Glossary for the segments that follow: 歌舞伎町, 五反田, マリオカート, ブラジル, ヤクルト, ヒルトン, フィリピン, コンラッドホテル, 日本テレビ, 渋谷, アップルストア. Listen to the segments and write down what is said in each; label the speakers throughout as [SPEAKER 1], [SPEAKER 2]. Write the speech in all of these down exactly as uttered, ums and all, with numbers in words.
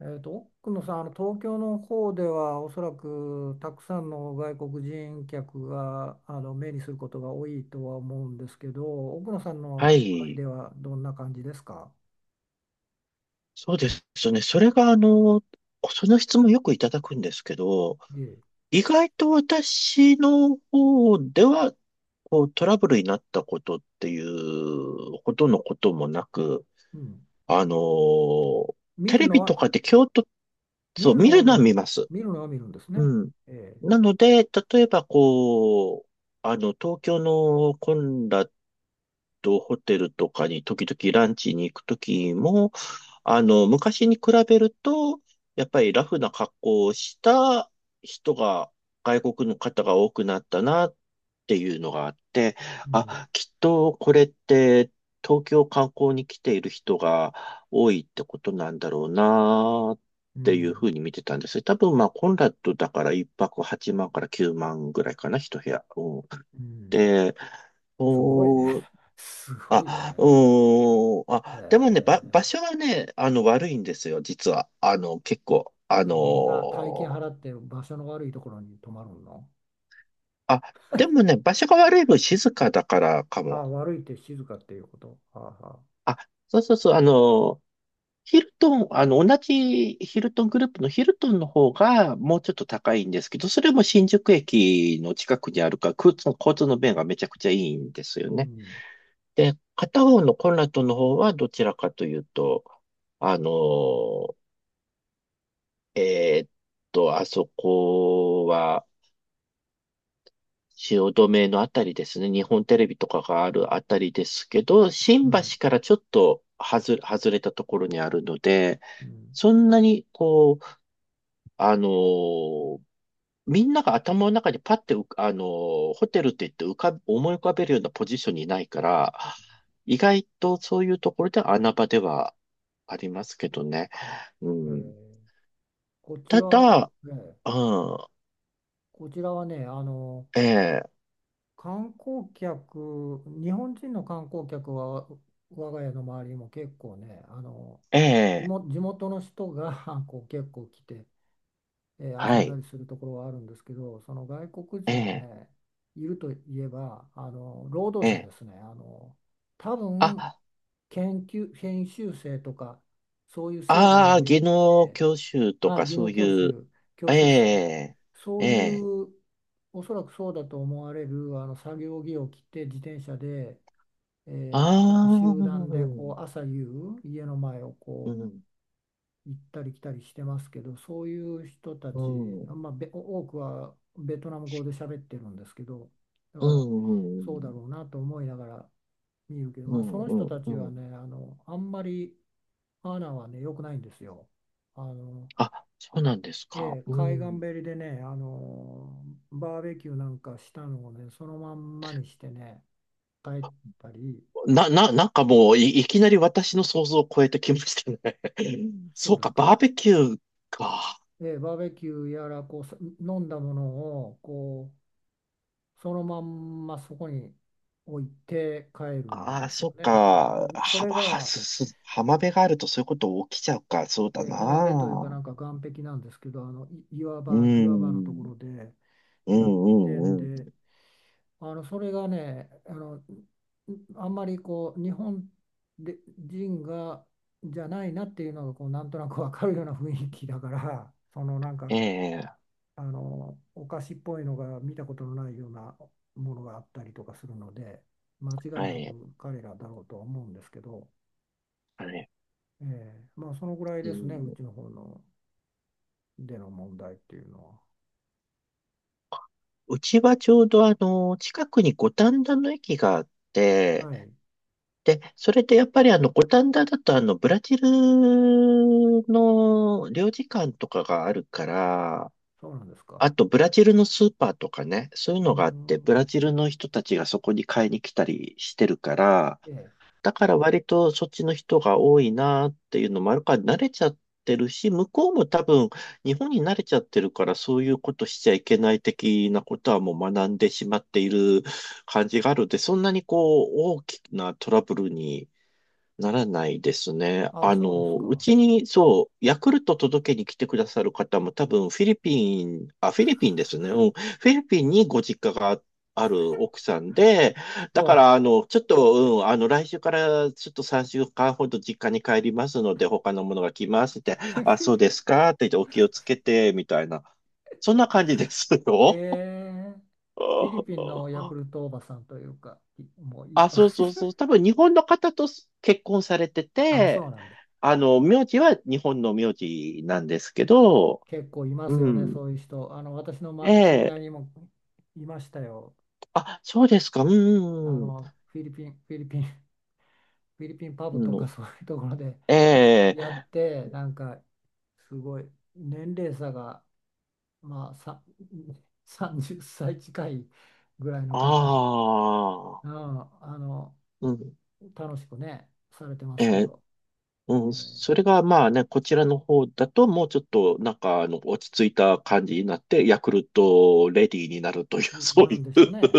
[SPEAKER 1] えーと、奥野さん、あの東京の方ではおそらくたくさんの外国人客があの目にすることが多いとは思うんですけど、奥野さんの
[SPEAKER 2] は
[SPEAKER 1] 周り
[SPEAKER 2] い。
[SPEAKER 1] ではどんな感じですか？
[SPEAKER 2] そうですね。それが、あの、その質問よくいただくんですけど、
[SPEAKER 1] ええ、
[SPEAKER 2] 意外と私の方では、こう、トラブルになったことっていうほどのこともなく、
[SPEAKER 1] うん。
[SPEAKER 2] あの、
[SPEAKER 1] 見
[SPEAKER 2] テ
[SPEAKER 1] る
[SPEAKER 2] レ
[SPEAKER 1] の
[SPEAKER 2] ビと
[SPEAKER 1] は、
[SPEAKER 2] かで京都、
[SPEAKER 1] 見
[SPEAKER 2] そう、
[SPEAKER 1] る
[SPEAKER 2] 見
[SPEAKER 1] の
[SPEAKER 2] る
[SPEAKER 1] は
[SPEAKER 2] のは
[SPEAKER 1] 見
[SPEAKER 2] 見
[SPEAKER 1] る。
[SPEAKER 2] ます。
[SPEAKER 1] 見るのは見るんですね。
[SPEAKER 2] うん。
[SPEAKER 1] ええ、
[SPEAKER 2] なので、例えば、こう、あの、東京のコンラッドホテルとかに時々ランチに行くときも、あの、昔に比べると、やっぱりラフな格好をした人が、外国の方が多くなったなっていうのがあって、
[SPEAKER 1] うん、
[SPEAKER 2] あ、きっとこれって東京観光に来ている人が多いってことなんだろうなっ
[SPEAKER 1] う
[SPEAKER 2] ていうふ
[SPEAKER 1] ん、
[SPEAKER 2] うに見てたんですよ。多分まあコンラッドだからいっぱくはちまんからきゅうまんぐらいかな、一部屋。うん。
[SPEAKER 1] うん。
[SPEAKER 2] で、
[SPEAKER 1] すごいね。すごいよ
[SPEAKER 2] あ、
[SPEAKER 1] ね。
[SPEAKER 2] うーん。
[SPEAKER 1] え
[SPEAKER 2] あ、でもね、ば、場
[SPEAKER 1] え、
[SPEAKER 2] 所はね、あの、悪いんですよ、実は。あの、結構、あの
[SPEAKER 1] そんな大金
[SPEAKER 2] ー
[SPEAKER 1] 払って場所の悪いところに泊まるの？
[SPEAKER 2] あ、でもね、場所が悪い分静かだからか
[SPEAKER 1] あ
[SPEAKER 2] も。
[SPEAKER 1] あ、悪いって静かっていうこと。はあはあ。
[SPEAKER 2] あ、そうそうそう。あのーヒルトン、あの、同じヒルトングループのヒルトンの方がもうちょっと高いんですけど、それも新宿駅の近くにあるから、交通交通の便がめちゃくちゃいいんですよ
[SPEAKER 1] う
[SPEAKER 2] ね。
[SPEAKER 1] ん、
[SPEAKER 2] で、片方のコンラッドの方はどちらかというと、あのーえーっと、あそこは、汐留のあたりですね。日本テレビとかがあるあたりですけど、
[SPEAKER 1] う
[SPEAKER 2] 新橋
[SPEAKER 1] ん、
[SPEAKER 2] からちょっと外れ、外れたところにあるので、
[SPEAKER 1] うん。
[SPEAKER 2] そんなに、こう、あのーみんなが頭の中にパッて浮か、あのーホテルって言って浮かぶ、思い浮かべるようなポジションにないから、意外とそういうところでは穴場ではありますけどね。う
[SPEAKER 1] え
[SPEAKER 2] ん、
[SPEAKER 1] ーこち
[SPEAKER 2] ただ、
[SPEAKER 1] ら、ね、
[SPEAKER 2] うん、
[SPEAKER 1] こちらはね、あの、
[SPEAKER 2] ええ、
[SPEAKER 1] 観光客、日本人の観光客は、我が家の周りにも結構ね、あの、地
[SPEAKER 2] ええ、
[SPEAKER 1] 元、地元の人が こう結構来て、えー遊
[SPEAKER 2] は
[SPEAKER 1] んだ
[SPEAKER 2] い。
[SPEAKER 1] りするところはあるんですけど、その外国
[SPEAKER 2] え
[SPEAKER 1] 人は
[SPEAKER 2] え、
[SPEAKER 1] ね、いるといえば、あの、労働
[SPEAKER 2] え
[SPEAKER 1] 者
[SPEAKER 2] え。
[SPEAKER 1] ですね。あの、多分、
[SPEAKER 2] あ、
[SPEAKER 1] 研究、研修生とか、そういう制度を
[SPEAKER 2] ああ、
[SPEAKER 1] 利用
[SPEAKER 2] 技
[SPEAKER 1] し
[SPEAKER 2] 能
[SPEAKER 1] て、
[SPEAKER 2] 教習と
[SPEAKER 1] はい、
[SPEAKER 2] か
[SPEAKER 1] 技
[SPEAKER 2] そ
[SPEAKER 1] 能
[SPEAKER 2] う
[SPEAKER 1] 教
[SPEAKER 2] いう、
[SPEAKER 1] 習、教
[SPEAKER 2] え
[SPEAKER 1] 習生、
[SPEAKER 2] え、
[SPEAKER 1] そ
[SPEAKER 2] え
[SPEAKER 1] うい
[SPEAKER 2] え。
[SPEAKER 1] う、おそらくそうだと思われるあの作業着を着て自転車で、
[SPEAKER 2] あ
[SPEAKER 1] えーみんなで
[SPEAKER 2] あ、う
[SPEAKER 1] 集団で
[SPEAKER 2] ん、
[SPEAKER 1] こう朝夕家の前を
[SPEAKER 2] う
[SPEAKER 1] こ
[SPEAKER 2] ん、
[SPEAKER 1] う行ったり来たりしてますけどそういう人た
[SPEAKER 2] う
[SPEAKER 1] ち、
[SPEAKER 2] ん、うん、
[SPEAKER 1] まあ、べ多くはベトナム語で喋ってるんですけど、だ
[SPEAKER 2] う
[SPEAKER 1] からそうだ
[SPEAKER 2] ん、
[SPEAKER 1] ろうなと思いながら見るけど、
[SPEAKER 2] う
[SPEAKER 1] まあ、そ
[SPEAKER 2] ん、
[SPEAKER 1] の人た
[SPEAKER 2] う
[SPEAKER 1] ちは
[SPEAKER 2] ん。
[SPEAKER 1] ねあのあんまりマナーはね良くないんですよ。あの
[SPEAKER 2] あ、そうなんですか。
[SPEAKER 1] ええ、
[SPEAKER 2] う
[SPEAKER 1] 海岸
[SPEAKER 2] ん。
[SPEAKER 1] べりでね、あのバーベキューなんかしたのをね、そのまんまにしてね、帰ったり、
[SPEAKER 2] な、な、なんかもうい、いきなり私の想像を超えてきましたね。
[SPEAKER 1] そ
[SPEAKER 2] そ
[SPEAKER 1] う
[SPEAKER 2] う
[SPEAKER 1] です
[SPEAKER 2] か、
[SPEAKER 1] か、
[SPEAKER 2] バーベキューか。
[SPEAKER 1] ええ、バーベキューやらこう、さ飲んだものをこうそのまんまそこに置いて帰るん
[SPEAKER 2] ああ、
[SPEAKER 1] ですよ
[SPEAKER 2] そうか。
[SPEAKER 1] ね。も
[SPEAKER 2] は、
[SPEAKER 1] うそれ
[SPEAKER 2] は、
[SPEAKER 1] が、
[SPEAKER 2] す、す、浜辺があるとそういうこと起きちゃうか。そう
[SPEAKER 1] え
[SPEAKER 2] だ
[SPEAKER 1] え、浜辺というか、な
[SPEAKER 2] な。
[SPEAKER 1] んか岸壁なんですけど、あのい岩
[SPEAKER 2] うー
[SPEAKER 1] 場、岩場のとこ
[SPEAKER 2] ん。
[SPEAKER 1] ろで
[SPEAKER 2] う
[SPEAKER 1] やっ
[SPEAKER 2] ん、
[SPEAKER 1] てん
[SPEAKER 2] うん、う
[SPEAKER 1] で、
[SPEAKER 2] ん。
[SPEAKER 1] あのそれがねあのあんまりこう日本で人がじゃないなっていうのがこうなんとなくわかるような雰囲気だから そのなん
[SPEAKER 2] え
[SPEAKER 1] か
[SPEAKER 2] え、
[SPEAKER 1] あのお菓子っぽいのが見たことのないようなものがあったりとかするので間違い
[SPEAKER 2] は
[SPEAKER 1] な
[SPEAKER 2] い、
[SPEAKER 1] く彼らだろうとは思うんですけど、
[SPEAKER 2] はい。
[SPEAKER 1] ええ、まあそのぐらい
[SPEAKER 2] う
[SPEAKER 1] ですね。う
[SPEAKER 2] ん。
[SPEAKER 1] ちの方のでの問題っていうの
[SPEAKER 2] うちはちょうどあの、近くに五反田の駅があっ
[SPEAKER 1] は。
[SPEAKER 2] て、
[SPEAKER 1] はい、
[SPEAKER 2] で、それでやっぱりあの、五反田だとあの、ブラジルの領事館とかがあるから、
[SPEAKER 1] そうなんですか。
[SPEAKER 2] あとブラジルのスーパーとかね、そういう
[SPEAKER 1] うー
[SPEAKER 2] のがあって、ブラ
[SPEAKER 1] ん、
[SPEAKER 2] ジルの人たちがそこに買いに来たりしてるから、
[SPEAKER 1] ええ、
[SPEAKER 2] だから割とそっちの人が多いなっていうのもあるから慣れちゃってるし、向こうも多分日本に慣れちゃってるからそういうことしちゃいけない的なことはもう学んでしまっている感じがあるので、そんなにこう大きなトラブルにならないですね。
[SPEAKER 1] あ、
[SPEAKER 2] あ
[SPEAKER 1] そうです
[SPEAKER 2] の、う
[SPEAKER 1] か。
[SPEAKER 2] ちに、そう、ヤクルト届けに来てくださる方も多分フィリピン、あ、フィリピンですね。うん。フィリピンにご実家がある奥さんで、だ
[SPEAKER 1] そ
[SPEAKER 2] から、あの、ちょっと、うん、あの、来週からちょっとさんしゅうかんほど実家に帰りますので、他のものが来ますって、
[SPEAKER 1] う。
[SPEAKER 2] あ、そうで すかって言って、お気をつけて、みたいな。そんな感じです
[SPEAKER 1] え
[SPEAKER 2] よ。
[SPEAKER 1] え、フィリピンのヤク ルトおばさんというか、いもういい
[SPEAKER 2] あ、
[SPEAKER 1] かも
[SPEAKER 2] そう
[SPEAKER 1] し
[SPEAKER 2] そう
[SPEAKER 1] れな
[SPEAKER 2] そ
[SPEAKER 1] い。
[SPEAKER 2] う。多分日本の方と結婚されて
[SPEAKER 1] あ、そう
[SPEAKER 2] て、
[SPEAKER 1] なんだ。
[SPEAKER 2] あの、名字は日本の名字なんですけど、
[SPEAKER 1] 結構います
[SPEAKER 2] う
[SPEAKER 1] よね、
[SPEAKER 2] ん。
[SPEAKER 1] そういう人。あの、私の、ま、知り
[SPEAKER 2] え
[SPEAKER 1] 合い
[SPEAKER 2] え、
[SPEAKER 1] にもいましたよ。
[SPEAKER 2] あ、そうですか。う
[SPEAKER 1] あ
[SPEAKER 2] ん。
[SPEAKER 1] の、フィリピン、フィリピン、フィリピンパ
[SPEAKER 2] う
[SPEAKER 1] ブとか
[SPEAKER 2] ん、
[SPEAKER 1] そういうところで
[SPEAKER 2] え
[SPEAKER 1] やっ
[SPEAKER 2] え、
[SPEAKER 1] て、なんか、すごい、年齢差が、まあ、さ、さんじゅっさい近いぐらいの感じ。
[SPEAKER 2] あ
[SPEAKER 1] う
[SPEAKER 2] あ、
[SPEAKER 1] ん、あの、
[SPEAKER 2] うん。
[SPEAKER 1] 楽しくね、されてま
[SPEAKER 2] え
[SPEAKER 1] すけ
[SPEAKER 2] え、
[SPEAKER 1] ど、
[SPEAKER 2] う
[SPEAKER 1] え
[SPEAKER 2] ん。それがまあね、こちらの方だともうちょっとなんかあの落ち着いた感じになって、ヤクルトレディーになるという、
[SPEAKER 1] ー、
[SPEAKER 2] そう
[SPEAKER 1] なん
[SPEAKER 2] いう
[SPEAKER 1] でしょうね。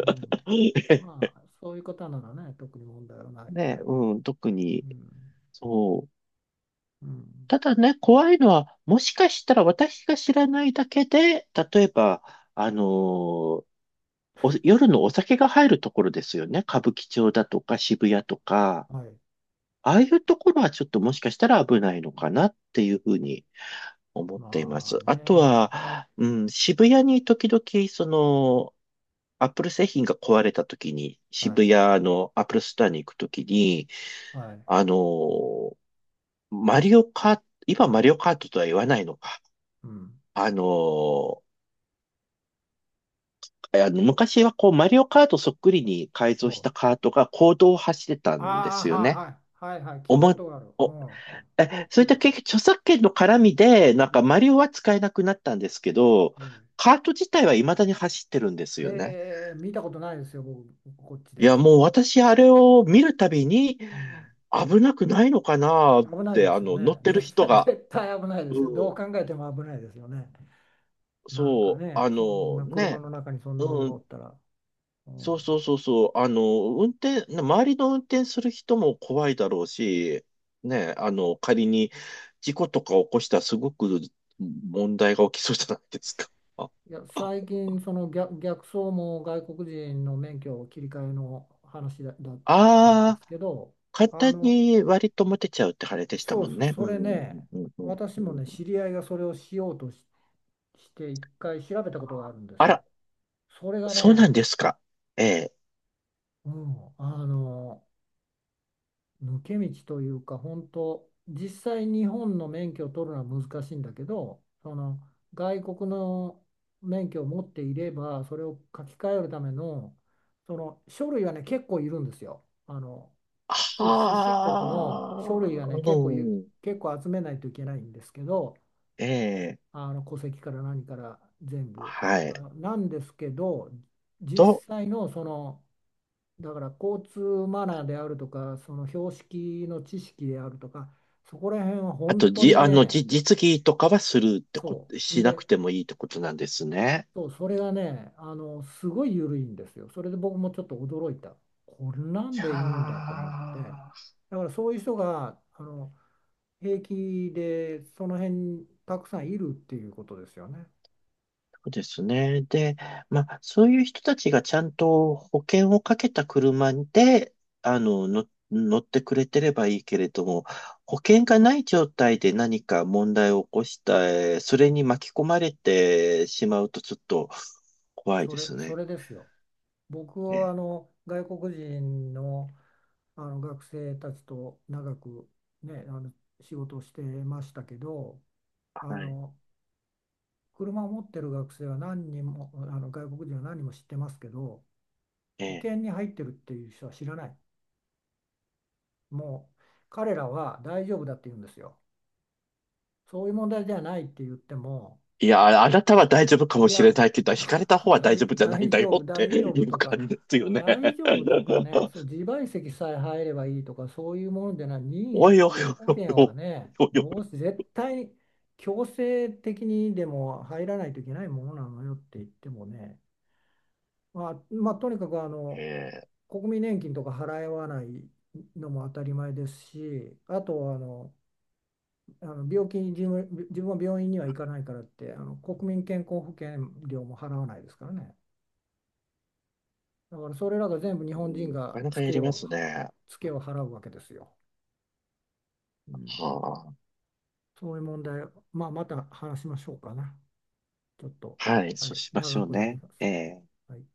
[SPEAKER 1] うん。 まあ、そういう方ならね、特に問題はない、
[SPEAKER 2] ね、
[SPEAKER 1] ない。
[SPEAKER 2] うん。特
[SPEAKER 1] う
[SPEAKER 2] に、
[SPEAKER 1] ん。
[SPEAKER 2] そう。
[SPEAKER 1] うん。
[SPEAKER 2] ただね、怖いのは、もしかしたら私が知らないだけで、例えば、あのーお夜のお酒が入るところですよね。歌舞伎町だとか渋谷とか、
[SPEAKER 1] はい。
[SPEAKER 2] ああいうところはちょっともしかしたら危ないのかなっていうふうに思っていま
[SPEAKER 1] ま
[SPEAKER 2] す。
[SPEAKER 1] あ
[SPEAKER 2] あと
[SPEAKER 1] ね。
[SPEAKER 2] は、うん、渋谷に時々、その、アップル製品が壊れた時に、
[SPEAKER 1] はい。
[SPEAKER 2] 渋谷のアップルストアに行く時に、
[SPEAKER 1] はい。
[SPEAKER 2] あのーマリオカート、今マリオカートとは言わないのか。
[SPEAKER 1] うん。
[SPEAKER 2] あのーあの昔はこう、マリオカートそっくりに改
[SPEAKER 1] お
[SPEAKER 2] 造し
[SPEAKER 1] う。
[SPEAKER 2] たカートが公道を走ってたんで
[SPEAKER 1] ああ、
[SPEAKER 2] すよね。
[SPEAKER 1] はい、はい。はい、はい。聞
[SPEAKER 2] お
[SPEAKER 1] いたこ
[SPEAKER 2] ま、
[SPEAKER 1] とがある。う
[SPEAKER 2] お、
[SPEAKER 1] ん。聞いた
[SPEAKER 2] え、そ
[SPEAKER 1] こ
[SPEAKER 2] ういっ
[SPEAKER 1] と
[SPEAKER 2] た
[SPEAKER 1] がある。
[SPEAKER 2] 結局著作権の絡みで、なん
[SPEAKER 1] え
[SPEAKER 2] かマ
[SPEAKER 1] え。
[SPEAKER 2] リオは使えなくなったんですけど、
[SPEAKER 1] え
[SPEAKER 2] カート自体は未だに走ってるんです
[SPEAKER 1] え。
[SPEAKER 2] よね。
[SPEAKER 1] へえ、見たことないですよ、僕、こっち
[SPEAKER 2] い
[SPEAKER 1] で、
[SPEAKER 2] や、
[SPEAKER 1] そ
[SPEAKER 2] もう
[SPEAKER 1] れ。
[SPEAKER 2] 私あれを見るたびに、
[SPEAKER 1] うん。
[SPEAKER 2] 危なくないのかなっ
[SPEAKER 1] 危ない
[SPEAKER 2] て、
[SPEAKER 1] で
[SPEAKER 2] あ
[SPEAKER 1] すよ
[SPEAKER 2] の、乗
[SPEAKER 1] ね。
[SPEAKER 2] ってる
[SPEAKER 1] 絶
[SPEAKER 2] 人
[SPEAKER 1] 対、
[SPEAKER 2] が、
[SPEAKER 1] 絶対危ないですよ。
[SPEAKER 2] う
[SPEAKER 1] ど
[SPEAKER 2] ん、
[SPEAKER 1] う考えても危ないですよね。なんか
[SPEAKER 2] そう、
[SPEAKER 1] ね、
[SPEAKER 2] あ
[SPEAKER 1] そん
[SPEAKER 2] の
[SPEAKER 1] な車
[SPEAKER 2] ね、
[SPEAKER 1] の中にそんなもん
[SPEAKER 2] う
[SPEAKER 1] がお
[SPEAKER 2] ん、
[SPEAKER 1] ったら、う
[SPEAKER 2] そうそ
[SPEAKER 1] ん、
[SPEAKER 2] うそうそう。あの、運転、ね周りの運転する人も怖いだろうし、ね、あの、仮に事故とか起こしたらすごく問題が起きそうじゃないですか。あ
[SPEAKER 1] いや、最近、その逆、逆走も外国人の免許を切り替えの話だ、だったんで
[SPEAKER 2] あ
[SPEAKER 1] す
[SPEAKER 2] ー、
[SPEAKER 1] けど、
[SPEAKER 2] 簡
[SPEAKER 1] あ
[SPEAKER 2] 単
[SPEAKER 1] の、
[SPEAKER 2] に割と持てちゃうってあれでした
[SPEAKER 1] そ
[SPEAKER 2] も
[SPEAKER 1] う
[SPEAKER 2] ん
[SPEAKER 1] そう、
[SPEAKER 2] ね。
[SPEAKER 1] そ
[SPEAKER 2] う
[SPEAKER 1] れ
[SPEAKER 2] ん、
[SPEAKER 1] ね、
[SPEAKER 2] うん、うん、
[SPEAKER 1] 私
[SPEAKER 2] う
[SPEAKER 1] も
[SPEAKER 2] ん。
[SPEAKER 1] ね、知り合いがそれをしようとし、して、一回調べたことがあるんで
[SPEAKER 2] あ
[SPEAKER 1] すよ。
[SPEAKER 2] ら、
[SPEAKER 1] それが
[SPEAKER 2] そうなん
[SPEAKER 1] ね、
[SPEAKER 2] ですか。ええ。
[SPEAKER 1] うん、あの、抜け道というか本当実際日本の免許を取るのは難しいんだけどその外国の免許を持っていればそれを書き換えるためのその書類はね結構いるんですよ。あの出、出身国の書類
[SPEAKER 2] は
[SPEAKER 1] は
[SPEAKER 2] あ、
[SPEAKER 1] ね
[SPEAKER 2] う
[SPEAKER 1] 結構ゆ
[SPEAKER 2] ん、
[SPEAKER 1] 結構集めないといけないんですけど
[SPEAKER 2] ええ、
[SPEAKER 1] あの戸籍から何から全部。
[SPEAKER 2] はい。
[SPEAKER 1] あなんですけど実
[SPEAKER 2] と、
[SPEAKER 1] 際のそのだから交通マナーであるとか、その標識の知識であるとか、そこら辺は
[SPEAKER 2] あと、
[SPEAKER 1] 本当
[SPEAKER 2] じ、
[SPEAKER 1] に
[SPEAKER 2] あの、
[SPEAKER 1] ね、
[SPEAKER 2] じ、実技とかはするってこ
[SPEAKER 1] そ
[SPEAKER 2] と、
[SPEAKER 1] う。ん
[SPEAKER 2] しなく
[SPEAKER 1] で、
[SPEAKER 2] てもいいってことなんですね。
[SPEAKER 1] そう、それがね、あの、すごい緩いんですよ。それで僕もちょっと驚いた。こんな
[SPEAKER 2] い
[SPEAKER 1] ん
[SPEAKER 2] や
[SPEAKER 1] でいいんだと思って。
[SPEAKER 2] ー、
[SPEAKER 1] だからそういう人が、あの、平気でその辺にたくさんいるっていうことですよね。
[SPEAKER 2] そうですね。で、まあ、そういう人たちがちゃんと保険をかけた車で、あの、の、乗ってくれてればいいけれども、保険がない状態で何か問題を起こした、えーそれに巻き込まれてしまうとちょっと怖い
[SPEAKER 1] そ
[SPEAKER 2] で
[SPEAKER 1] れ、
[SPEAKER 2] す
[SPEAKER 1] そ
[SPEAKER 2] ね。
[SPEAKER 1] れですよ。僕
[SPEAKER 2] え
[SPEAKER 1] はあ
[SPEAKER 2] え、
[SPEAKER 1] の外国人の、あの学生たちと長く、ね、あの仕事をしてましたけどあ
[SPEAKER 2] はい。
[SPEAKER 1] の車を持ってる学生は何人もあの外国人は何人も知ってますけど保
[SPEAKER 2] ええ、
[SPEAKER 1] 険に入ってるっていう人は知らない。もう彼らは大丈夫だって言うんですよ。そういう問題ではないって言っても、
[SPEAKER 2] いや、あなたは大丈夫か
[SPEAKER 1] い
[SPEAKER 2] もし
[SPEAKER 1] や、
[SPEAKER 2] れないけど、引かれた方 は大丈
[SPEAKER 1] 大、
[SPEAKER 2] 夫じゃないん
[SPEAKER 1] 大
[SPEAKER 2] だよ
[SPEAKER 1] 丈夫、
[SPEAKER 2] って
[SPEAKER 1] 大丈
[SPEAKER 2] い
[SPEAKER 1] 夫
[SPEAKER 2] う
[SPEAKER 1] とか、
[SPEAKER 2] 感じですよね。
[SPEAKER 1] 大 丈夫とかね、そう、自賠責さえ入ればいいとか、そういうものじゃない、任
[SPEAKER 2] お
[SPEAKER 1] 意
[SPEAKER 2] いおい
[SPEAKER 1] 保
[SPEAKER 2] おい
[SPEAKER 1] 険
[SPEAKER 2] お
[SPEAKER 1] は
[SPEAKER 2] い
[SPEAKER 1] ね、
[SPEAKER 2] おいお
[SPEAKER 1] どう
[SPEAKER 2] い。
[SPEAKER 1] せ絶対強制的にでも入らないといけないものなのよって言ってもね、まあ、まあ、とにかくあの
[SPEAKER 2] ええ、
[SPEAKER 1] 国民年金とか払わないのも当たり前ですし、あとあの、あの病気に自分、自分は病院には行かないからって、あの国民健康保険料も払わないですからね。だからそれらが全部日
[SPEAKER 2] う
[SPEAKER 1] 本
[SPEAKER 2] ん、
[SPEAKER 1] 人
[SPEAKER 2] なか
[SPEAKER 1] が
[SPEAKER 2] なか
[SPEAKER 1] ツ
[SPEAKER 2] や
[SPEAKER 1] ケ
[SPEAKER 2] りま
[SPEAKER 1] を
[SPEAKER 2] す
[SPEAKER 1] は、
[SPEAKER 2] ね。
[SPEAKER 1] ツケを払うわけですよ。うん、
[SPEAKER 2] は
[SPEAKER 1] そういう問題、まあ、また話しましょうかな。ちょっと、
[SPEAKER 2] あ、はい、
[SPEAKER 1] は
[SPEAKER 2] そう
[SPEAKER 1] い、
[SPEAKER 2] しまし
[SPEAKER 1] 長
[SPEAKER 2] ょう
[SPEAKER 1] くなり
[SPEAKER 2] ね。
[SPEAKER 1] ます。
[SPEAKER 2] ええ
[SPEAKER 1] はい。